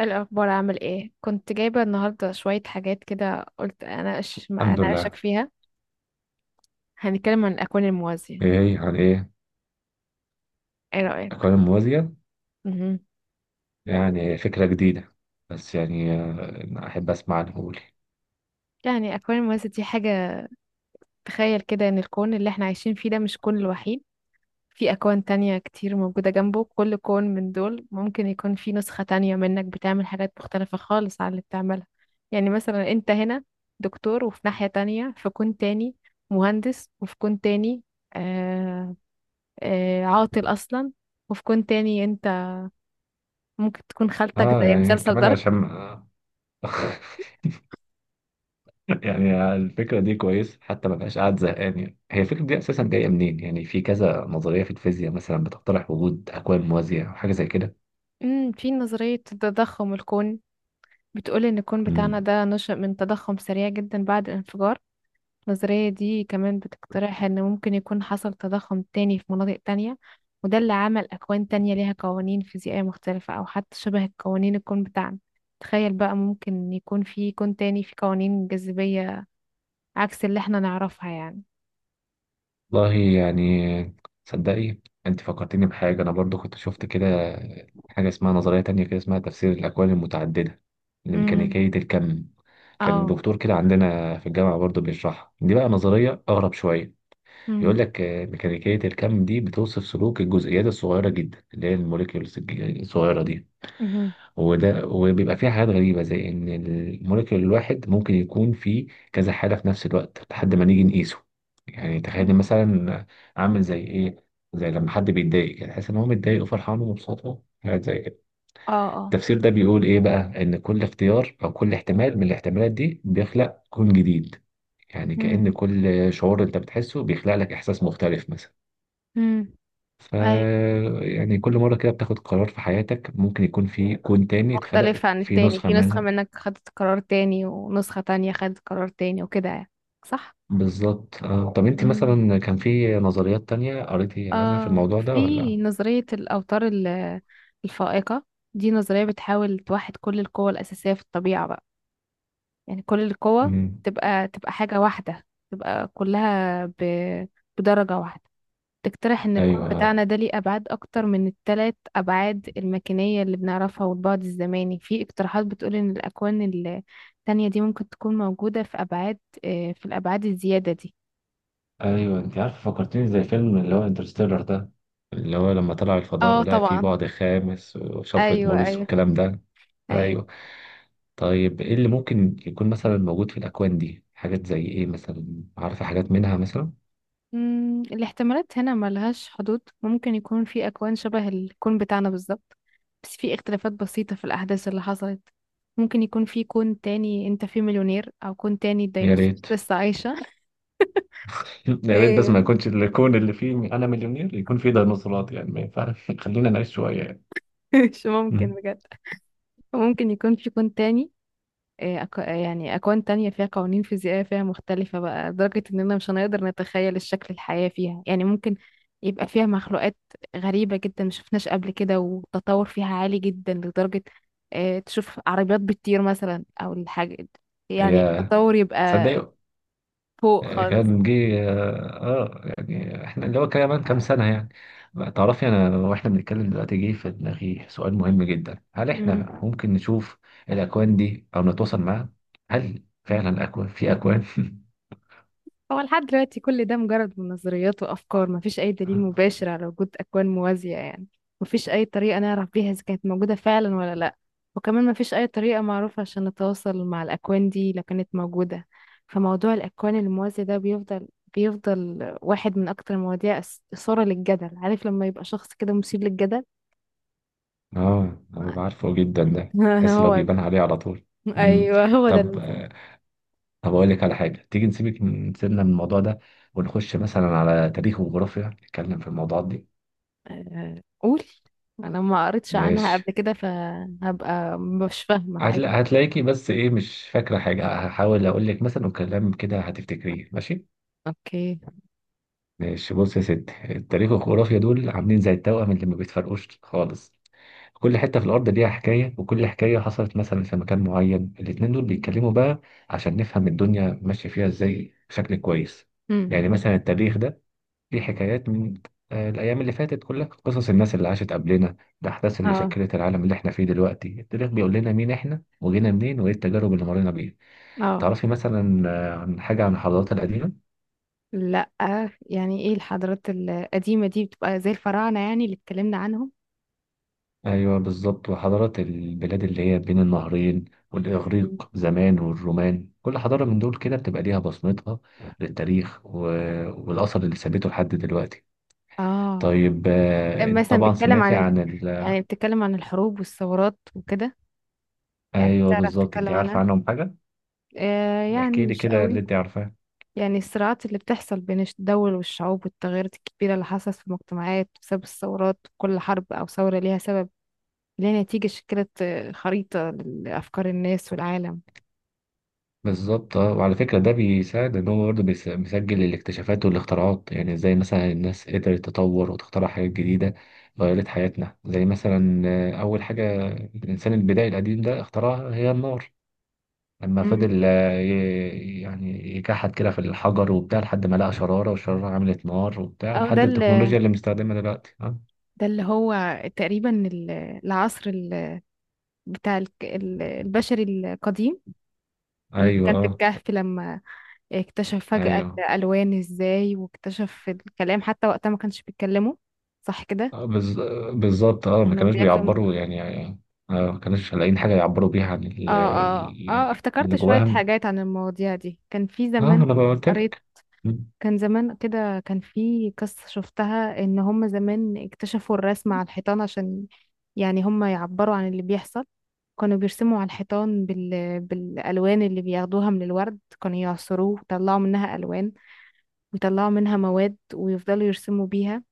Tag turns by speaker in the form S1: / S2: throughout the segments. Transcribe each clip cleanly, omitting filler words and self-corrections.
S1: الأخبار عامل ايه؟ كنت جايبة النهاردة شوية حاجات كده قلت أناقش ما
S2: الحمد
S1: أناقشك
S2: لله.
S1: فيها. هنتكلم عن الأكوان الموازية.
S2: ايه هي؟ عن ايه؟
S1: ايه رأيك؟
S2: اقاليم موازية.
S1: مهم.
S2: يعني فكرة جديدة. بس يعني احب اسمع عنه، قولي.
S1: يعني الأكوان الموازية دي حاجة، تخيل كده إن الكون اللي احنا عايشين فيه ده مش كون الوحيد. في أكوان تانية كتير موجودة جنبه، كل كون من دول ممكن يكون في نسخة تانية منك بتعمل حاجات مختلفة خالص عن اللي بتعملها. يعني مثلا انت هنا دكتور، وفي ناحية تانية في كون تاني مهندس، وفي كون تاني آه، عاطل أصلا. وفي كون تاني أنت ممكن تكون خالتك
S2: اه
S1: زي
S2: يعني
S1: مسلسل
S2: كمان
S1: دارك.
S2: عشان يعني الفكرة دي كويس، حتى ما بقاش قاعد زهقان. يعني هي الفكرة دي اساسا جاية منين؟ يعني في كذا نظرية في الفيزياء مثلا بتقترح وجود اكوان موازية او حاجة زي كده.
S1: في نظرية تضخم الكون بتقول إن الكون بتاعنا
S2: مم.
S1: ده نشأ من تضخم سريع جدا بعد الانفجار. النظرية دي كمان بتقترح إن ممكن يكون حصل تضخم تاني في مناطق تانية، وده اللي عمل أكوان تانية ليها قوانين فيزيائية مختلفة أو حتى شبه قوانين الكون بتاعنا. تخيل بقى، ممكن يكون في كون تاني في قوانين جاذبية عكس اللي احنا نعرفها يعني.
S2: والله يعني، صدقي، انت فكرتني بحاجة. انا برضو كنت شفت كده حاجة اسمها نظرية تانية كده، اسمها تفسير الاكوان المتعددة
S1: امم.
S2: لميكانيكية الكم. كان
S1: اه.
S2: دكتور كده عندنا في الجامعة برضه بيشرحها. دي بقى نظرية أغرب شوية. بيقول
S1: امم.
S2: لك ميكانيكية الكم دي بتوصف سلوك الجزيئات الصغيرة جدا اللي هي الموليكيولز الصغيرة دي. وبيبقى فيها حاجات غريبة زي إن الموليكيول الواحد ممكن يكون فيه كذا حالة في نفس الوقت لحد ما نيجي نقيسه. يعني تخيل مثلا، عامل زي إيه؟ زي لما حد بيتضايق كده تحس إن هو متضايق وفرحان ومبسوط، حاجات زي كده.
S1: اه. اه.
S2: التفسير ده بيقول إيه بقى؟ إن كل اختيار أو كل احتمال من الاحتمالات دي بيخلق كون جديد. يعني
S1: امم.
S2: كأن كل شعور أنت بتحسه بيخلق لك إحساس مختلف مثلا.
S1: امم.
S2: ف
S1: اي.
S2: يعني كل مرة كده بتاخد قرار في حياتك ممكن يكون في كون تاني اتخلق
S1: مختلفة عن
S2: في
S1: التاني،
S2: نسخة
S1: في نسخة
S2: منها.
S1: منك خدت قرار تاني، ونسخة تانية خدت قرار تاني وكده يعني. صح.
S2: بالظبط. طب أنت
S1: امم.
S2: مثلا كان في نظريات تانية قريتي عنها في
S1: آه
S2: الموضوع ده
S1: في
S2: ولا؟
S1: نظرية الأوتار الفائقة. دي نظرية بتحاول توحد كل القوى الأساسية في الطبيعة بقى، يعني كل القوى
S2: مم.
S1: تبقى حاجة واحدة، تبقى كلها بدرجة واحدة. تقترح إن الكون
S2: أيوه،
S1: بتاعنا ده ليه أبعاد أكتر من التلات أبعاد المكانية اللي بنعرفها والبعد الزماني، في اقتراحات بتقول إن الأكوان التانية دي ممكن تكون موجودة في أبعاد آه، في الأبعاد الزيادة دي.
S2: ايوه، انت عارف فكرتني زي فيلم اللي هو انترستيلر ده. اللي هو لما طلع الفضاء
S1: اه
S2: ولقى فيه
S1: طبعا.
S2: بعد خامس وشفرة
S1: أيوه،
S2: موريس
S1: أيوه،
S2: والكلام ده.
S1: أيوه.
S2: ايوه. طيب، ايه اللي ممكن يكون مثلا موجود في الاكوان دي؟ حاجات زي ايه مثلا؟ عارفه حاجات منها مثلا؟
S1: مم، الاحتمالات هنا ملهاش حدود، ممكن يكون في أكوان شبه الكون بتاعنا بالظبط بس في اختلافات بسيطة في الأحداث اللي حصلت. ممكن يكون في كون تاني انت فيه مليونير، او كون تاني
S2: يا
S1: الديناصورات
S2: ريت.
S1: لسه عايشة.
S2: يا ريت، بس
S1: ايه.
S2: ما يكونش الكون اللي فيه انا مليونير يكون فيه ديناصورات، يعني ما ينفعش، خلينا نعيش شويه يعني.
S1: مش ممكن
S2: مم.
S1: بجد. ممكن يكون في كون تاني، آه، أك... آه، يعني أكوان تانية فيها قوانين فيزيائية فيها مختلفة بقى، لدرجة إننا مش هنقدر نتخيل الشكل الحياة فيها. يعني ممكن يبقى فيها مخلوقات غريبة جدا مشفناش قبل كده، والتطور فيها عالي جدا لدرجة تشوف عربيات بتطير مثلا أو الحاجة، يعني
S2: يا
S1: التطور يبقى
S2: تصدق،
S1: فوق خالص.
S2: كان جه، اه يعني احنا اللي هو كمان كام سنة يعني. بقى تعرفي انا واحنا بنتكلم دلوقتي جه في دماغي سؤال مهم جدا: هل
S1: مم.
S2: احنا ممكن نشوف الاكوان دي او نتواصل معاها؟ هل فعلا اكوان في اكوان؟
S1: هو لحد دلوقتي كل ده مجرد من نظريات وأفكار، مفيش أي دليل مباشر على وجود أكوان موازية يعني، مفيش أي طريقة نعرف بيها إذا كانت موجودة فعلا ولا لأ. وكمان مفيش أي طريقة معروفة عشان نتواصل مع الأكوان دي لو كانت موجودة. فموضوع الأكوان الموازية ده بيفضل واحد من أكتر المواضيع إثارة للجدل. عارف لما يبقى شخص كده مثير للجدل؟
S2: اه، انا بعرفه جدا ده، تحس اللي هو
S1: هو ده.
S2: بيبان عليه على طول. امم
S1: أيوه هو ده
S2: طب
S1: المثال.
S2: آه، طب اقول لك على حاجه، تيجي نسيبك، نسيبنا من الموضوع ده، ونخش مثلا على تاريخ وجغرافيا نتكلم في الموضوعات دي.
S1: قول. أنا ما قريتش عنها
S2: ماشي.
S1: قبل كده فهبقى مش فاهمة.
S2: هتلاقيكي بس ايه، مش فاكرة حاجة، هحاول اقول لك مثلا وكلام كده هتفتكريه. ماشي.
S1: اوكي.
S2: ماشي، بص يا ستي، التاريخ والجغرافيا دول عاملين زي التوأم اللي ما بيتفرقوش خالص. كل حتة في الأرض ليها حكاية، وكل حكاية حصلت مثلا في مكان معين، الاتنين دول بيتكلموا بقى عشان نفهم الدنيا ماشية فيها ازاي بشكل كويس.
S1: امم.
S2: يعني مثلا، التاريخ ده ليه حكايات من الأيام اللي فاتت، كلها قصص الناس اللي عاشت قبلنا، الأحداث اللي
S1: اه.
S2: شكلت العالم اللي احنا فيه دلوقتي. التاريخ بيقول لنا مين احنا وجينا منين وايه التجارب اللي مرينا بيها.
S1: اه.
S2: تعرفي مثلا عن حاجة عن الحضارات القديمة؟
S1: لا. يعني ايه الحضارات القديمة دي؟ بتبقى زي الفراعنة يعني اللي اتكلمنا عنهم.
S2: أيوة، بالظبط. وحضارات البلاد اللي هي بين النهرين،
S1: مهم.
S2: والإغريق زمان، والرومان. كل حضارة من دول كده بتبقى ليها بصمتها للتاريخ والأثر اللي ثابته لحد دلوقتي.
S1: اه،
S2: طيب،
S1: مثلا
S2: طبعا
S1: بيتكلم
S2: سمعتي
S1: عن.
S2: عن
S1: يعني بتتكلم عن الحروب والثورات وكده، يعني
S2: أيوة،
S1: بتعرف
S2: بالظبط. أنت
S1: تتكلم
S2: عارفة
S1: عنها.
S2: عنهم حاجة؟
S1: يعني
S2: احكي لي
S1: مش
S2: كده
S1: قوي.
S2: اللي أنت عارفاه.
S1: يعني الصراعات اللي بتحصل بين الدول والشعوب، والتغيرات الكبيرة اللي حصلت في المجتمعات بسبب الثورات. كل حرب أو ثورة ليها سبب، ليها نتيجة، شكلت خريطة لأفكار الناس والعالم.
S2: بالظبط، اه. وعلى فكرة ده بيساعد ان هو برضه بيسجل الاكتشافات والاختراعات، يعني زي مثلا الناس قدرت تطور وتخترع حاجات جديدة غيرت حياتنا، زي مثلا أول حاجة الإنسان البدائي القديم ده اخترعها هي النار. لما
S1: مم.
S2: فضل يعني يكحد كده في الحجر وبتاع لحد ما لقى شرارة، والشرارة عملت نار وبتاع،
S1: أو ده
S2: لحد التكنولوجيا اللي بنستخدمها دلوقتي. اه.
S1: ده اللي هو تقريبا العصر بتاع البشري القديم، اللي
S2: أيوه،
S1: كان في
S2: اه،
S1: الكهف لما اكتشف فجأة
S2: أيوه.
S1: الألوان ازاي، واكتشف الكلام، حتى وقتها ما كانش بيتكلموا. صح كده.
S2: آه، بالز- بالظبط، اه ما
S1: كانوا
S2: كانوش
S1: بياكلوا.
S2: بيعبروا يعني. ما كانوش لاقيين حاجة يعبروا بيها عن
S1: اه، اه، اه، افتكرت
S2: اللي
S1: شوية
S2: جواهم.
S1: حاجات عن المواضيع دي. كان في
S2: اه،
S1: زمان
S2: انا قلت
S1: قريت،
S2: لك.
S1: كان زمان كده كان في قصة شفتها ان هم زمان اكتشفوا الرسم على الحيطان عشان يعني هم يعبروا عن اللي بيحصل. كانوا بيرسموا على الحيطان بالألوان اللي بياخدوها من الورد، كانوا يعصروه ويطلعوا منها ألوان، ويطلعوا منها مواد ويفضلوا يرسموا بيها.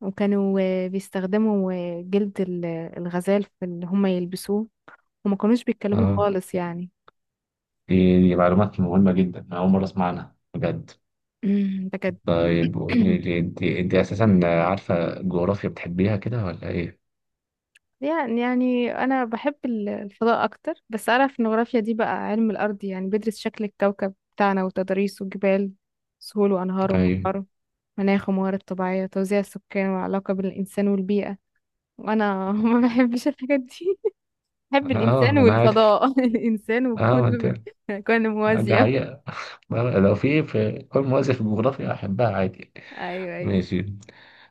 S1: وكانوا بيستخدموا جلد الغزال في اللي هم يلبسوه، وما كانوش بيتكلموا
S2: اه.
S1: خالص يعني.
S2: دي معلومات مهمة جدا، أنا أول مرة أسمع عنها بجد.
S1: بجد.
S2: طيب قولي لي، أنت أساسا عارفة جغرافيا بتحبيها كده ولا إيه؟
S1: يعني أنا بحب الفضاء أكتر، بس أعرف إن الجغرافيا دي بقى علم الأرض، يعني بيدرس شكل الكوكب بتاعنا وتضاريسه وجبال، سهول، وأنهار،
S2: أيوه،
S1: وبحار، مناخ، وموارد طبيعية، توزيع السكان، والعلاقة بين الإنسان والبيئة. وأنا ما بحبش الحاجات دي، بحب الإنسان
S2: اه. أنا عارف.
S1: والفضاء. الإنسان
S2: اه، ما أنت.
S1: وكل كون
S2: دي
S1: موازية.
S2: حقيقة. لو في كل مؤسسة في الجغرافيا أحبها عادي يعني.
S1: أيوه، أيوه.
S2: ماشي.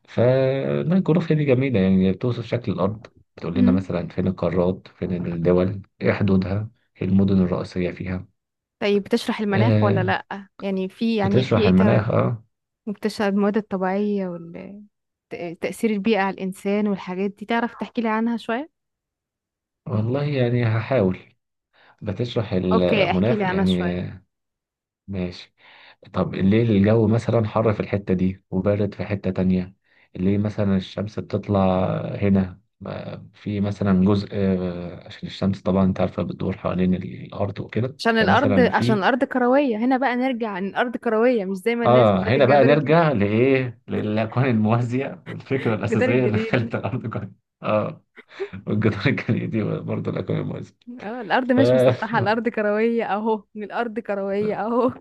S2: فلا، الجغرافيا دي جميلة يعني، هي بتوصف شكل الأرض. بتقول لنا
S1: أمم.
S2: مثلا فين القارات، فين الدول، ايه حدودها، ايه المدن الرئيسية فيها.
S1: طيب بتشرح المناخ ولا
S2: آه،
S1: لأ؟ يعني في
S2: بتشرح
S1: إيه ترى؟
S2: المناخ، اه.
S1: وبتشرح المواد الطبيعية، وتأثير البيئة على الإنسان، والحاجات دي تعرف تحكي لي عنها شوية.
S2: والله يعني، هحاول. بتشرح
S1: أوكي، احكي لي
S2: المناخ
S1: عنها شوية.
S2: يعني ماشي. طب ليه الجو مثلا حر في الحتة دي وبارد في حتة تانية؟ ليه مثلا الشمس بتطلع هنا في مثلا جزء، عشان الشمس طبعا، انت عارفة، بتدور حوالين الأرض وكده،
S1: عشان الأرض
S2: فمثلا
S1: عشان
S2: في.
S1: الأرض كروية. هنا بقى نرجع إن الأرض كروية، مش زي ما الناس
S2: اه،
S1: بتاعت
S2: هنا بقى
S1: الجدار.
S2: نرجع لايه، للاكوان الموازيه والفكره
S1: الجدار
S2: الاساسيه اللي
S1: الجليدي.
S2: خلت الارض كون. اه. والجدار الجليدي، برضه الاكوان الموازيه.
S1: اه، الارض
S2: ف
S1: مش مسطحه، الارض كرويه اهو، الارض كرويه اهو.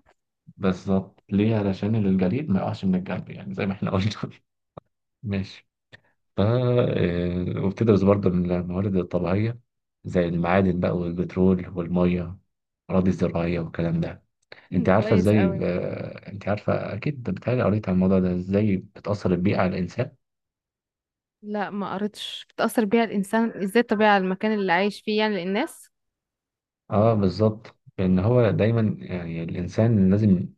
S2: بالظبط. ليه؟ علشان الجليد ما يقعش من الجنب يعني، زي ما احنا قلنا. ماشي. ف آه، وبتدرس برضه من الموارد الطبيعيه، زي المعادن بقى والبترول والميه، اراضي زراعيه والكلام ده.
S1: مم، كويس قوي.
S2: انت عارفه اكيد، بتهيألي قريت عن الموضوع ده، ازاي بتاثر البيئه على الانسان.
S1: لا ما قريتش، بتاثر بيها الانسان ازاي الطبيعه، المكان اللي عايش فيه يعني للناس.
S2: اه، بالظبط. لان هو دايما يعني الانسان لازم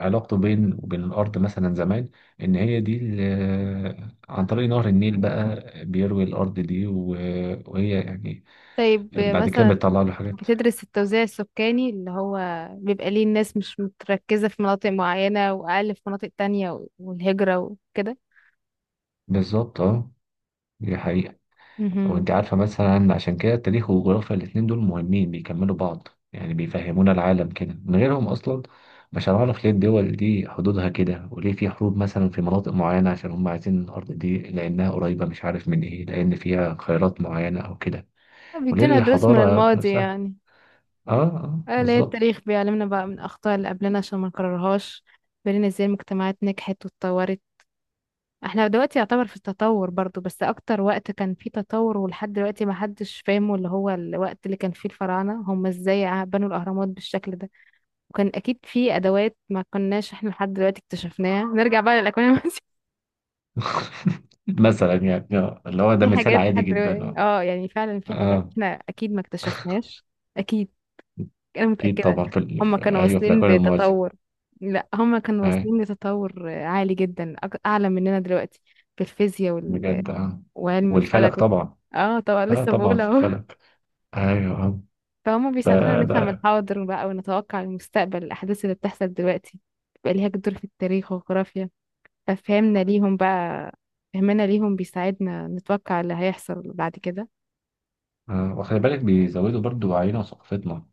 S2: علاقته بين وبين الارض مثلا زمان، ان هي دي عن طريق نهر النيل بقى بيروي الارض دي وهي يعني،
S1: طيب
S2: اللي بعد كده
S1: مثلا
S2: بتطلع له حاجات.
S1: بتدرس التوزيع السكاني، اللي هو بيبقى ليه الناس مش متركزه في مناطق معينه، واقل في مناطق تانية، والهجره وكده.
S2: بالظبط، اه. دي حقيقة.
S1: مهم.
S2: وانت عارفة مثلا، عشان كده التاريخ والجغرافيا الاتنين دول مهمين، بيكملوا بعض يعني، بيفهمونا العالم. كده من غيرهم أصلا مش هنعرف ليه الدول دي حدودها كده، وليه في حروب مثلا في مناطق معينة، عشان هم عايزين الأرض دي لأنها قريبة، مش عارف من إيه، لأن فيها خيرات معينة أو كده. وليه
S1: بيدينا درس من
S2: الحضارة
S1: الماضي
S2: نفسها.
S1: يعني.
S2: آه، آه،
S1: اه، اللي هي
S2: بالظبط.
S1: التاريخ بيعلمنا بقى من اخطاء اللي قبلنا عشان ما نكررهاش، بيقولنا ازاي المجتمعات نجحت واتطورت. احنا دلوقتي يعتبر في التطور برضو، بس اكتر وقت كان فيه تطور ولحد دلوقتي ما حدش فاهمه، اللي هو الوقت اللي كان فيه الفراعنة، هم ازاي بنوا الاهرامات بالشكل ده، وكان اكيد فيه ادوات ما كناش احنا لحد دلوقتي اكتشفناها. نرجع بقى للاكوان المائية.
S2: مثلا يعني، اللي هو ده
S1: في
S2: مثال
S1: حاجات
S2: عادي
S1: لحد
S2: جدا.
S1: دلوقتي،
S2: آه.
S1: اه يعني فعلا في حاجات
S2: آه
S1: احنا اكيد ما اكتشفناش. اكيد. انا
S2: أكيد
S1: متأكدة.
S2: طبعا، في،
S1: هم
S2: في،
S1: كانوا
S2: أيوه، في
S1: واصلين
S2: الأكوان الموازي.
S1: لتطور، لا هم كانوا
S2: آه،
S1: واصلين لتطور عالي جدا، اعلى مننا دلوقتي، في الفيزياء،
S2: بجد. آه،
S1: وعلم
S2: والفلك
S1: الفلك.
S2: طبعا.
S1: اه طبعا،
S2: آه،
S1: لسه
S2: طبعا
S1: بقول
S2: في
S1: اهو.
S2: الفلك. ايوه، آه.
S1: فهم
S2: ف
S1: بيساعدونا نفهم
S2: بقى
S1: الحاضر بقى ونتوقع المستقبل، الأحداث اللي بتحصل دلوقتي بقى ليها دور في التاريخ والجغرافيا. ففهمنا ليهم بقى فهمنا ليهم بيساعدنا نتوقع اللي هيحصل بعد كده.
S2: وخلي بالك بيزودوا برضو وعينا وثقافتنا.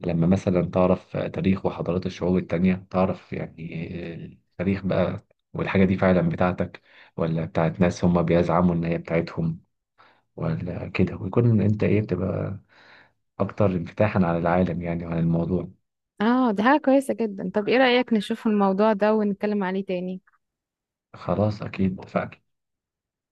S2: لما مثلا تعرف تاريخ وحضارات الشعوب التانية، تعرف يعني التاريخ بقى، والحاجة دي فعلا بتاعتك ولا بتاعت ناس هما بيزعموا إن هي بتاعتهم، ولا كده، ويكون أنت إيه بتبقى أكتر انفتاحا على العالم يعني وعلى الموضوع.
S1: اه ده حاجة كويسة جدا. طب ايه رأيك نشوف الموضوع ده ونتكلم عليه تاني؟
S2: خلاص، أكيد، فأكيد.